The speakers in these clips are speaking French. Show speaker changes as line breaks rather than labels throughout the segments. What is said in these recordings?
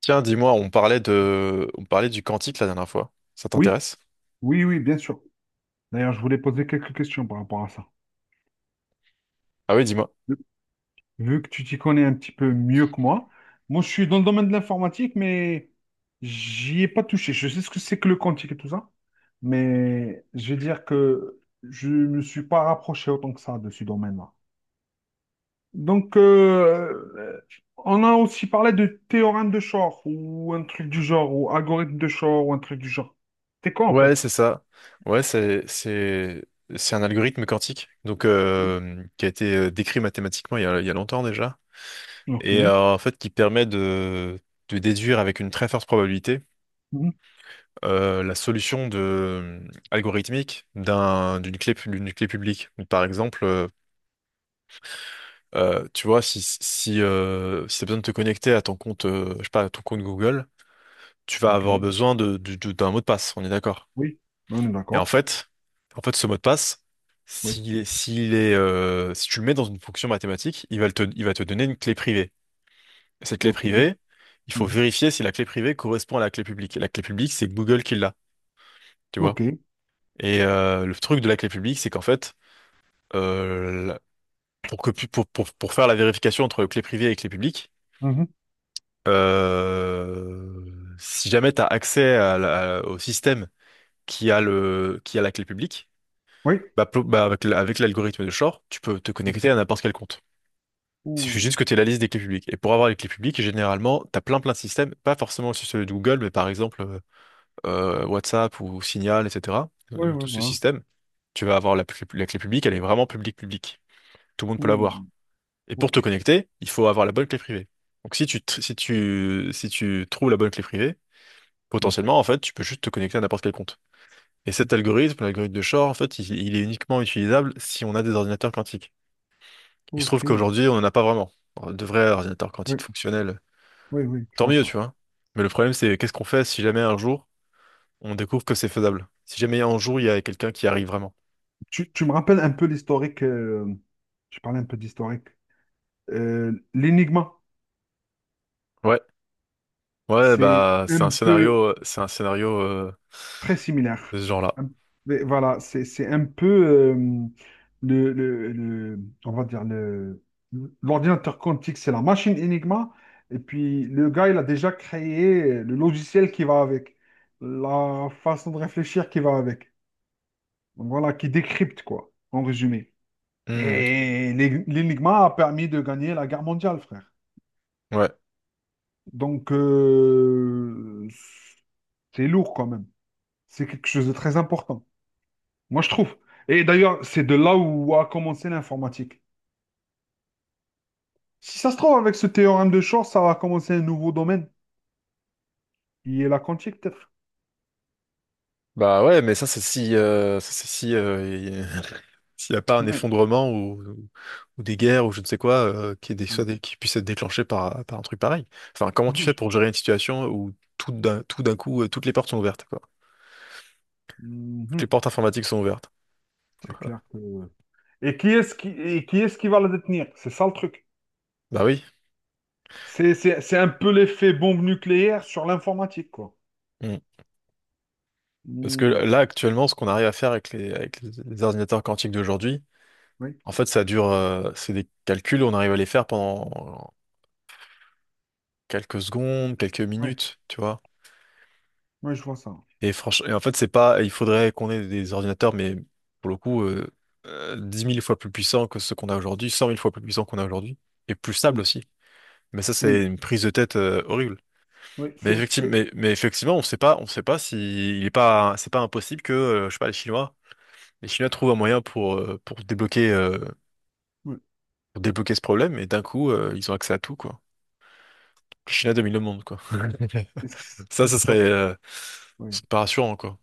Tiens, dis-moi, on parlait du cantique la dernière fois. Ça
Oui,
t'intéresse?
oui, oui, bien sûr. D'ailleurs, je voulais poser quelques questions par rapport à ça.
Ah oui, dis-moi.
Vu que tu t'y connais un petit peu mieux que moi, moi, je suis dans le domaine de l'informatique, mais j'y ai pas touché. Je sais ce que c'est que le quantique et tout ça, mais je vais dire que je me suis pas rapproché autant que ça de ce domaine-là. Donc, on a aussi parlé de théorème de Shor ou un truc du genre, ou algorithme de Shor ou un truc du genre. C'est quoi en fait?
Ouais, c'est ça. Ouais, c'est, c'est, c'est un algorithme quantique, donc qui a été décrit mathématiquement il y a longtemps déjà,
Ok.
et en fait qui permet de déduire avec une très forte probabilité
Mhm.
la solution de algorithmique d'une d'une clé publique. Par exemple, tu vois, si t'as besoin de te connecter à ton compte, je sais pas, à ton compte Google. Tu vas
Ok.
avoir besoin d'un mot de passe, on est d'accord.
Oui, on est
Et en
d'accord.
fait, en fait, ce mot de passe,
Oui.
si tu le mets dans une fonction mathématique, il va te donner une clé privée. Et cette clé
Ok.
privée, il faut
Mhm.
vérifier si la clé privée correspond à la clé publique. Et la clé publique, c'est Google qui l'a, tu vois.
Ok.
Et le truc de la clé publique, c'est qu'en fait, euh, la- pour pour faire la vérification entre clé privée et clé publique,
Mhm.
si jamais tu as accès à au système qui a qui a la clé publique.
Oui.
Bah, avec l'algorithme de Shore, tu peux te connecter à n'importe quel compte. Il suffit
Ouh.
juste que tu aies la liste des clés publiques. Et pour avoir les clés publiques, généralement, tu as plein de systèmes, pas forcément aussi celui de Google, mais par exemple WhatsApp ou Signal, etc.
Oui, oui,
Tout ce
voilà.
système, tu vas avoir la clé publique, elle est vraiment publique publique. Tout le monde peut
Ouh.
l'avoir. Et pour te
Ok.
connecter, il faut avoir la bonne clé privée. Donc si tu, tr- si tu, si tu trouves la bonne clé privée,
Ouais.
potentiellement, en fait, tu peux juste te connecter à n'importe quel compte. Et cet algorithme, l'algorithme de Shor, en fait, il est uniquement utilisable si on a des ordinateurs quantiques. Il se trouve
Ok.
qu'aujourd'hui, on n'en a pas vraiment. Enfin, de vrais ordinateurs
Oui,
quantiques fonctionnels.
oui, oui, je
Tant
vois
mieux,
ça.
tu vois. Mais le problème, c'est qu'est-ce qu'on fait si jamais un jour, on découvre que c'est faisable? Si jamais un jour, il y a quelqu'un qui arrive vraiment.
Tu me rappelles un peu l'historique. Je parlais un peu d'historique. l'Enigma,
Ouais. Ouais,
c'est
bah,
un peu
c'est un scénario
très
de
similaire.
ce genre-là.
Un- Voilà, c'est un peu on va dire le l'ordinateur quantique, c'est la machine Enigma, et puis le gars, il a déjà créé le logiciel qui va avec, la façon de réfléchir qui va avec. Donc voilà, qui décrypte quoi, en résumé.
Hmm.
Et l'Enigma a permis de gagner la guerre mondiale, frère.
Ouais.
Donc c'est lourd quand même. C'est quelque chose de très important. Moi, je trouve. Et d'ailleurs, c'est de là où a commencé l'informatique. Si ça se trouve, avec ce théorème de Shor, ça va commencer un nouveau domaine. Il est la quantique, peut-être.
Bah ouais, mais ça c'est si s'il n'y a pas un
Ouais.
effondrement ou des guerres ou je ne sais quoi qui est qui puisse être déclenché par un truc pareil. Enfin, comment tu
Oui.
fais
je-
pour gérer une situation où tout d'un coup toutes les portes sont ouvertes quoi. Toutes les
Mhm.
portes informatiques sont ouvertes.
C'est clair que... Et qui est-ce qui va la détenir? C'est ça le truc.
Bah oui.
C'est un peu l'effet bombe nucléaire sur l'informatique, quoi.
Mm. Parce que
Hmm.
là actuellement ce qu'on arrive à faire avec les avec les ordinateurs quantiques d'aujourd'hui,
Oui,
en fait ça dure c'est des calculs on arrive à les faire pendant quelques secondes, quelques
oui,
minutes, tu vois.
oui, je vois ça.
Et franchement, en fait, c'est pas, il faudrait qu'on ait des ordinateurs, mais pour le coup, 10 000 fois plus puissants que ceux qu'on a aujourd'hui, 100 000 fois plus puissants qu'on a aujourd'hui, et plus stables
Oui,
aussi. Mais ça,
oui,
c'est une prise de tête horrible.
oui.
Mais effectivement, on sait pas si il est pas, c'est pas impossible que, je sais pas, les Chinois trouvent un moyen
Oui.
pour débloquer ce problème, et d'un coup, ils ont accès à tout, quoi. Les Chinois dominent le monde, quoi. Ça,
Si
ce
ça,
serait, euh,
Oui.
c'est pas rassurant, quoi.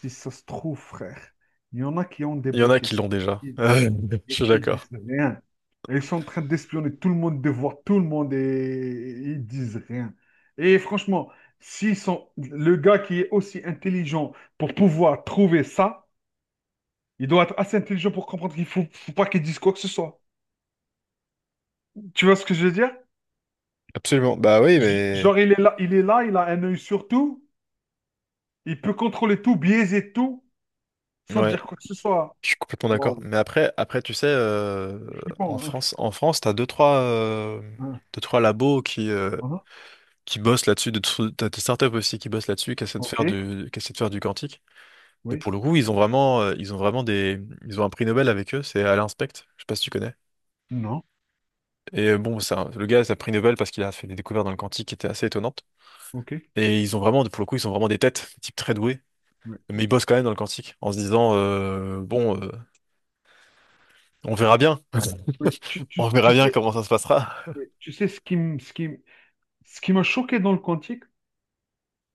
Si ça se trouve, frère, il y en a qui ont
Il y en a
débloqué
qui
ça.
l'ont déjà. Je
Et
suis
qui disent
d'accord.
rien. Ils sont en train d'espionner tout le monde, de voir tout le monde et ils disent rien. Et franchement, s'ils sont le gars qui est aussi intelligent pour pouvoir trouver ça, il doit être assez intelligent pour comprendre faut pas qu'il dise quoi que ce soit. Tu vois ce que je veux dire?
Absolument. Bah oui, mais
Genre, il est là, il a un œil sur tout, il peut contrôler tout, biaiser tout, sans
ouais,
dire quoi que ce soit.
je suis complètement d'accord.
Waouh,
Mais après, tu sais,
c'est flippant. Hein.
En France,
Hein,
deux trois labos qui
hein,
qui bossent là-dessus. T'as des startups aussi qui bossent là-dessus,
ok,
qui essaient de faire du quantique. Et pour
oui,
le coup, ils ont vraiment ils ont un prix Nobel avec eux. C'est Alain Specht. Je sais pas si tu connais.
non,
Et bon, ça, le gars, c'est un prix Nobel parce qu'il a fait des découvertes dans le quantique qui étaient assez étonnantes.
ok.
Et ils ont vraiment, pour le coup, ils sont vraiment des têtes, des types très doués.
Oui.
Mais ils bossent quand même dans le quantique en se disant, bon. On verra bien. On verra
Tu
bien
sais,
comment ça se passera.
oui. Tu sais, ce qui m'a choqué dans le quantique,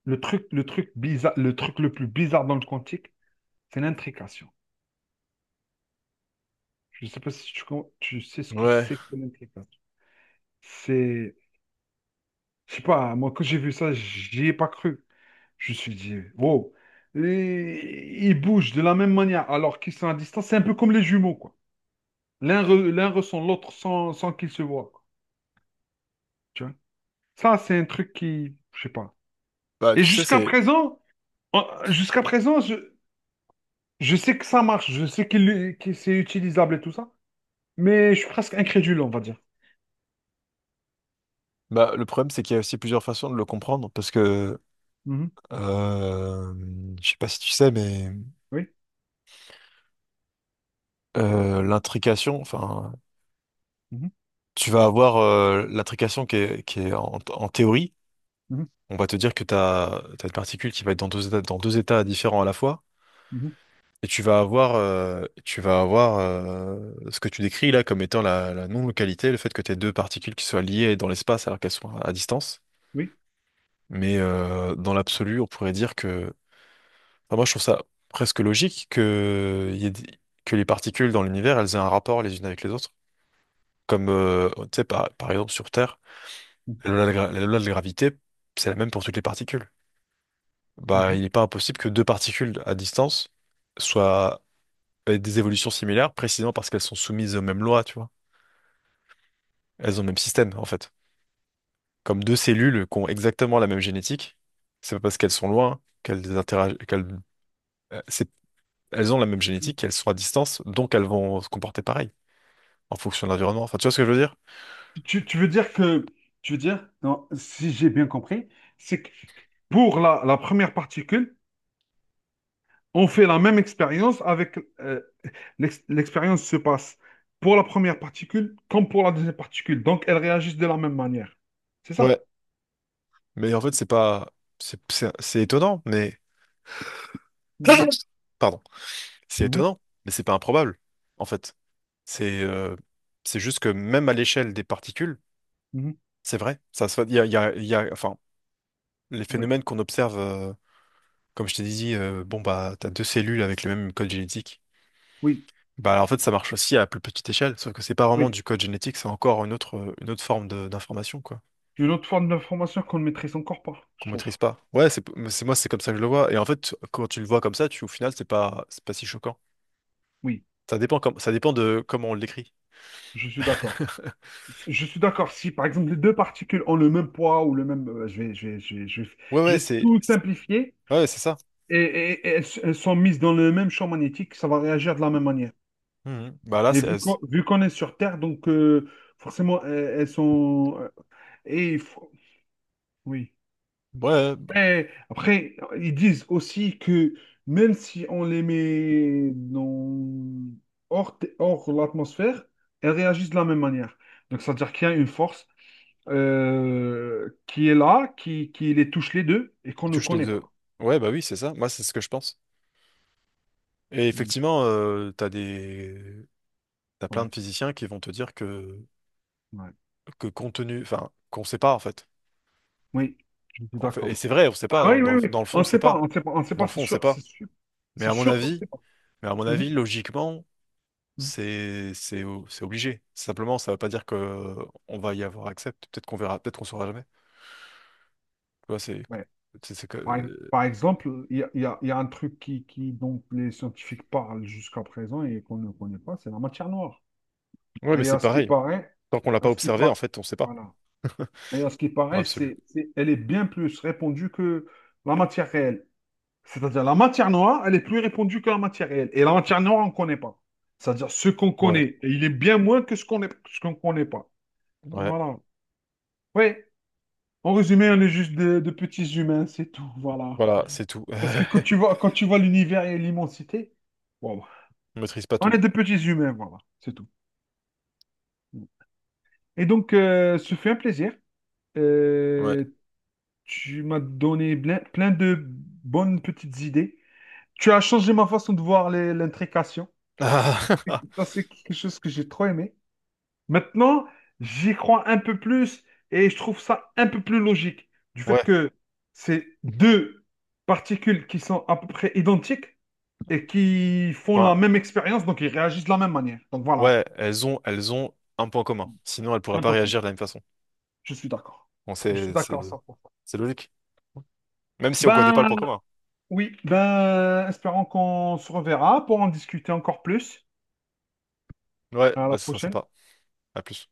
le truc le plus bizarre dans le quantique, c'est l'intrication. Je ne sais pas si tu sais ce que
Ouais.
c'est que l'intrication. C'est, je sais pas, moi quand j'ai vu ça, j'y ai pas cru. Je me suis dit, wow, et ils bougent de la même manière alors qu'ils sont à distance. C'est un peu comme les jumeaux, quoi. L'un ressent l'autre sans qu'ils se voient, quoi. Tu vois? Ça, c'est un truc qui, je sais pas.
Bah,
Et
tu sais,
jusqu'à
c'est.
présent, jusqu'à présent, je sais que ça marche, je sais que c'est utilisable et tout ça, mais je suis presque incrédule, on va dire.
Bah, le problème, c'est qu'il y a aussi plusieurs façons de le comprendre, parce que.
Mhm,
Euh... Je sais pas si tu sais, mais
oui.
l'intrication, enfin.
Mhm,
Tu vas avoir l'intrication qui est en théorie.
mhm,
On va te dire t'as une particule qui va être dans deux états différents à la fois.
mhm,
Et tu vas avoir ce que tu décris là comme étant la non-localité, le fait que tes deux particules qui soient liées dans l'espace alors qu'elles soient à distance.
oui.
Mais dans l'absolu, on pourrait dire que... Enfin, moi, je trouve ça presque logique que, il y ait des- que les particules dans l'univers, elles aient un rapport les unes avec les autres. Comme, tu sais, par exemple, sur Terre, la loi de la gravité, c'est la même pour toutes les particules. Bah,
Mhm.
il n'est pas impossible que deux particules à distance soient aient des évolutions similaires, précisément parce qu'elles sont soumises aux mêmes lois, tu vois. Elles ont le même système, en fait. Comme deux cellules qui ont exactement la même génétique, c'est pas parce qu'elles sont loin qu'elles interagissent, elles ont la même génétique, elles sont à distance, donc elles vont se comporter pareil en fonction de l'environnement. Enfin, tu vois ce que je veux dire?
Tu, tu veux dire que, Tu veux dire, non, si j'ai bien compris, c'est que pour la première particule, on fait la même expérience avec l'expérience se passe pour la première particule comme pour la deuxième particule, donc elles réagissent de la même manière. C'est
Ouais.
ça?
Mais en fait, c'est pas, c'est étonnant, mais
Mhm,
pardon, c'est
mhm,
étonnant, mais c'est pas improbable. En fait, c'est euh, c'est juste que même à l'échelle des particules,
mhm.
c'est vrai. Il y enfin, les
Oui,
phénomènes qu'on observe, comme je t'ai dit, bon bah, t'as deux cellules avec le même code génétique.
oui,
Bah, en fait, ça marche aussi à plus petite échelle, sauf que c'est pas vraiment
oui.
du code génétique, c'est encore une autre forme d'information, quoi.
Une autre forme d'information qu'on ne maîtrise encore pas, je
Qu'on
trouve.
maîtrise pas. Ouais, moi c'est comme ça que je le vois. Et en fait, quand tu le vois comme ça, tu au final c'est pas si choquant.
Oui,
Ça dépend comme ça dépend de comment on l'écrit.
je suis d'accord. Je suis d'accord. Si, par exemple, les deux particules ont le même poids ou le même... je vais, je vais, je vais, je vais-
Ouais
je
ouais
vais
c'est
tout
c'est-
simplifier
ouais c'est ça.
et elles sont mises dans le même champ magnétique, ça va réagir de la même manière.
Mhm. Bah là
Et
c'est ouais
vu qu'on est sur Terre, donc forcément, elles, elles sont... et il faut- Oui.
ouais, bah,
Eh, après, ils disent aussi que même si on les met dans... hors l'atmosphère, elles réagissent de la même manière. Donc, c'est-à-dire qu'il y a une force qui est là, qui les touche les deux et qu'on
il
ne
touche les
connaît
deux.
pas.
Ouais bah oui c'est ça. Moi c'est ce que je pense. Et
Mm.
effectivement t'as des t'as plein
Ouais,
de physiciens qui vont te dire
ouais.
que compte tenu enfin qu'on sait pas en fait.
Oui, je suis
En fait et
d'accord.
c'est vrai on sait pas
Ah oui, oui, oui.
dans le
On
fond on
ne
sait
sait pas,
pas.
on ne sait pas, on ne sait
Dans
pas,
le
c'est
fond on sait
sûr, c'est
pas.
sûr.
Mais
C'est
à mon
sûr qu'on ne
avis
sait pas.
mais à mon
Mhm.
avis logiquement
Mhm.
c'est c'est obligé. Simplement, ça ne veut pas dire que on va y avoir accès. Peut-être qu'on verra, peut-être qu'on saura jamais. Tu vois,
Ouais.
c'est que
Par exemple, il y a un truc dont les scientifiques parlent jusqu'à présent et qu'on ne connaît pas, c'est la matière noire.
ouais, mais
Et
c'est
à ce qui
pareil.
paraît,
Tant qu'on l'a
à
pas
ce qui
observé, en
par-
fait, on sait pas.
voilà. Et à ce qui
Dans
paraît,
l'absolu.
elle est bien plus répandue que la matière réelle. C'est-à-dire, la matière noire, elle est plus répandue que la matière réelle. Et la matière noire, on ne connaît pas. C'est-à-dire, ce qu'on
Ouais,
connaît, il est bien moins que ce qu'on ne connaît pas.
ouais.
Voilà. Oui, en résumé, on est juste de petits humains, c'est tout. Voilà.
Voilà, c'est tout.
Parce que quand tu vois l'univers et l'immensité, wow,
On maîtrise pas
on
tout.
est des petits humains, voilà, c'est tout. Et donc, ce fut un plaisir.
Ouais.
Euh, tu m'as donné plein de bonnes petites idées. Tu as changé ma façon de voir l'intrication. Ça, c'est quelque chose que j'ai trop aimé. Maintenant, j'y crois un peu plus et je trouve ça un peu plus logique. Du fait
Ouais.
que c'est deux particules qui sont à peu près identiques, et qui font
Enfin,
la même expérience, donc ils réagissent de la même manière. Donc voilà,
ouais. Elles ont un point commun. Sinon, elles pourraient
un
pas
peu comme.
réagir de la même façon.
Je suis d'accord.
Bon,
Je suis d'accord, ça.
c'est logique. Même si on connaît pas
Ben
le point commun.
oui, ben espérons qu'on se reverra pour en discuter encore plus.
Ouais,
À
bah,
la
ce serait
prochaine.
sympa. À plus.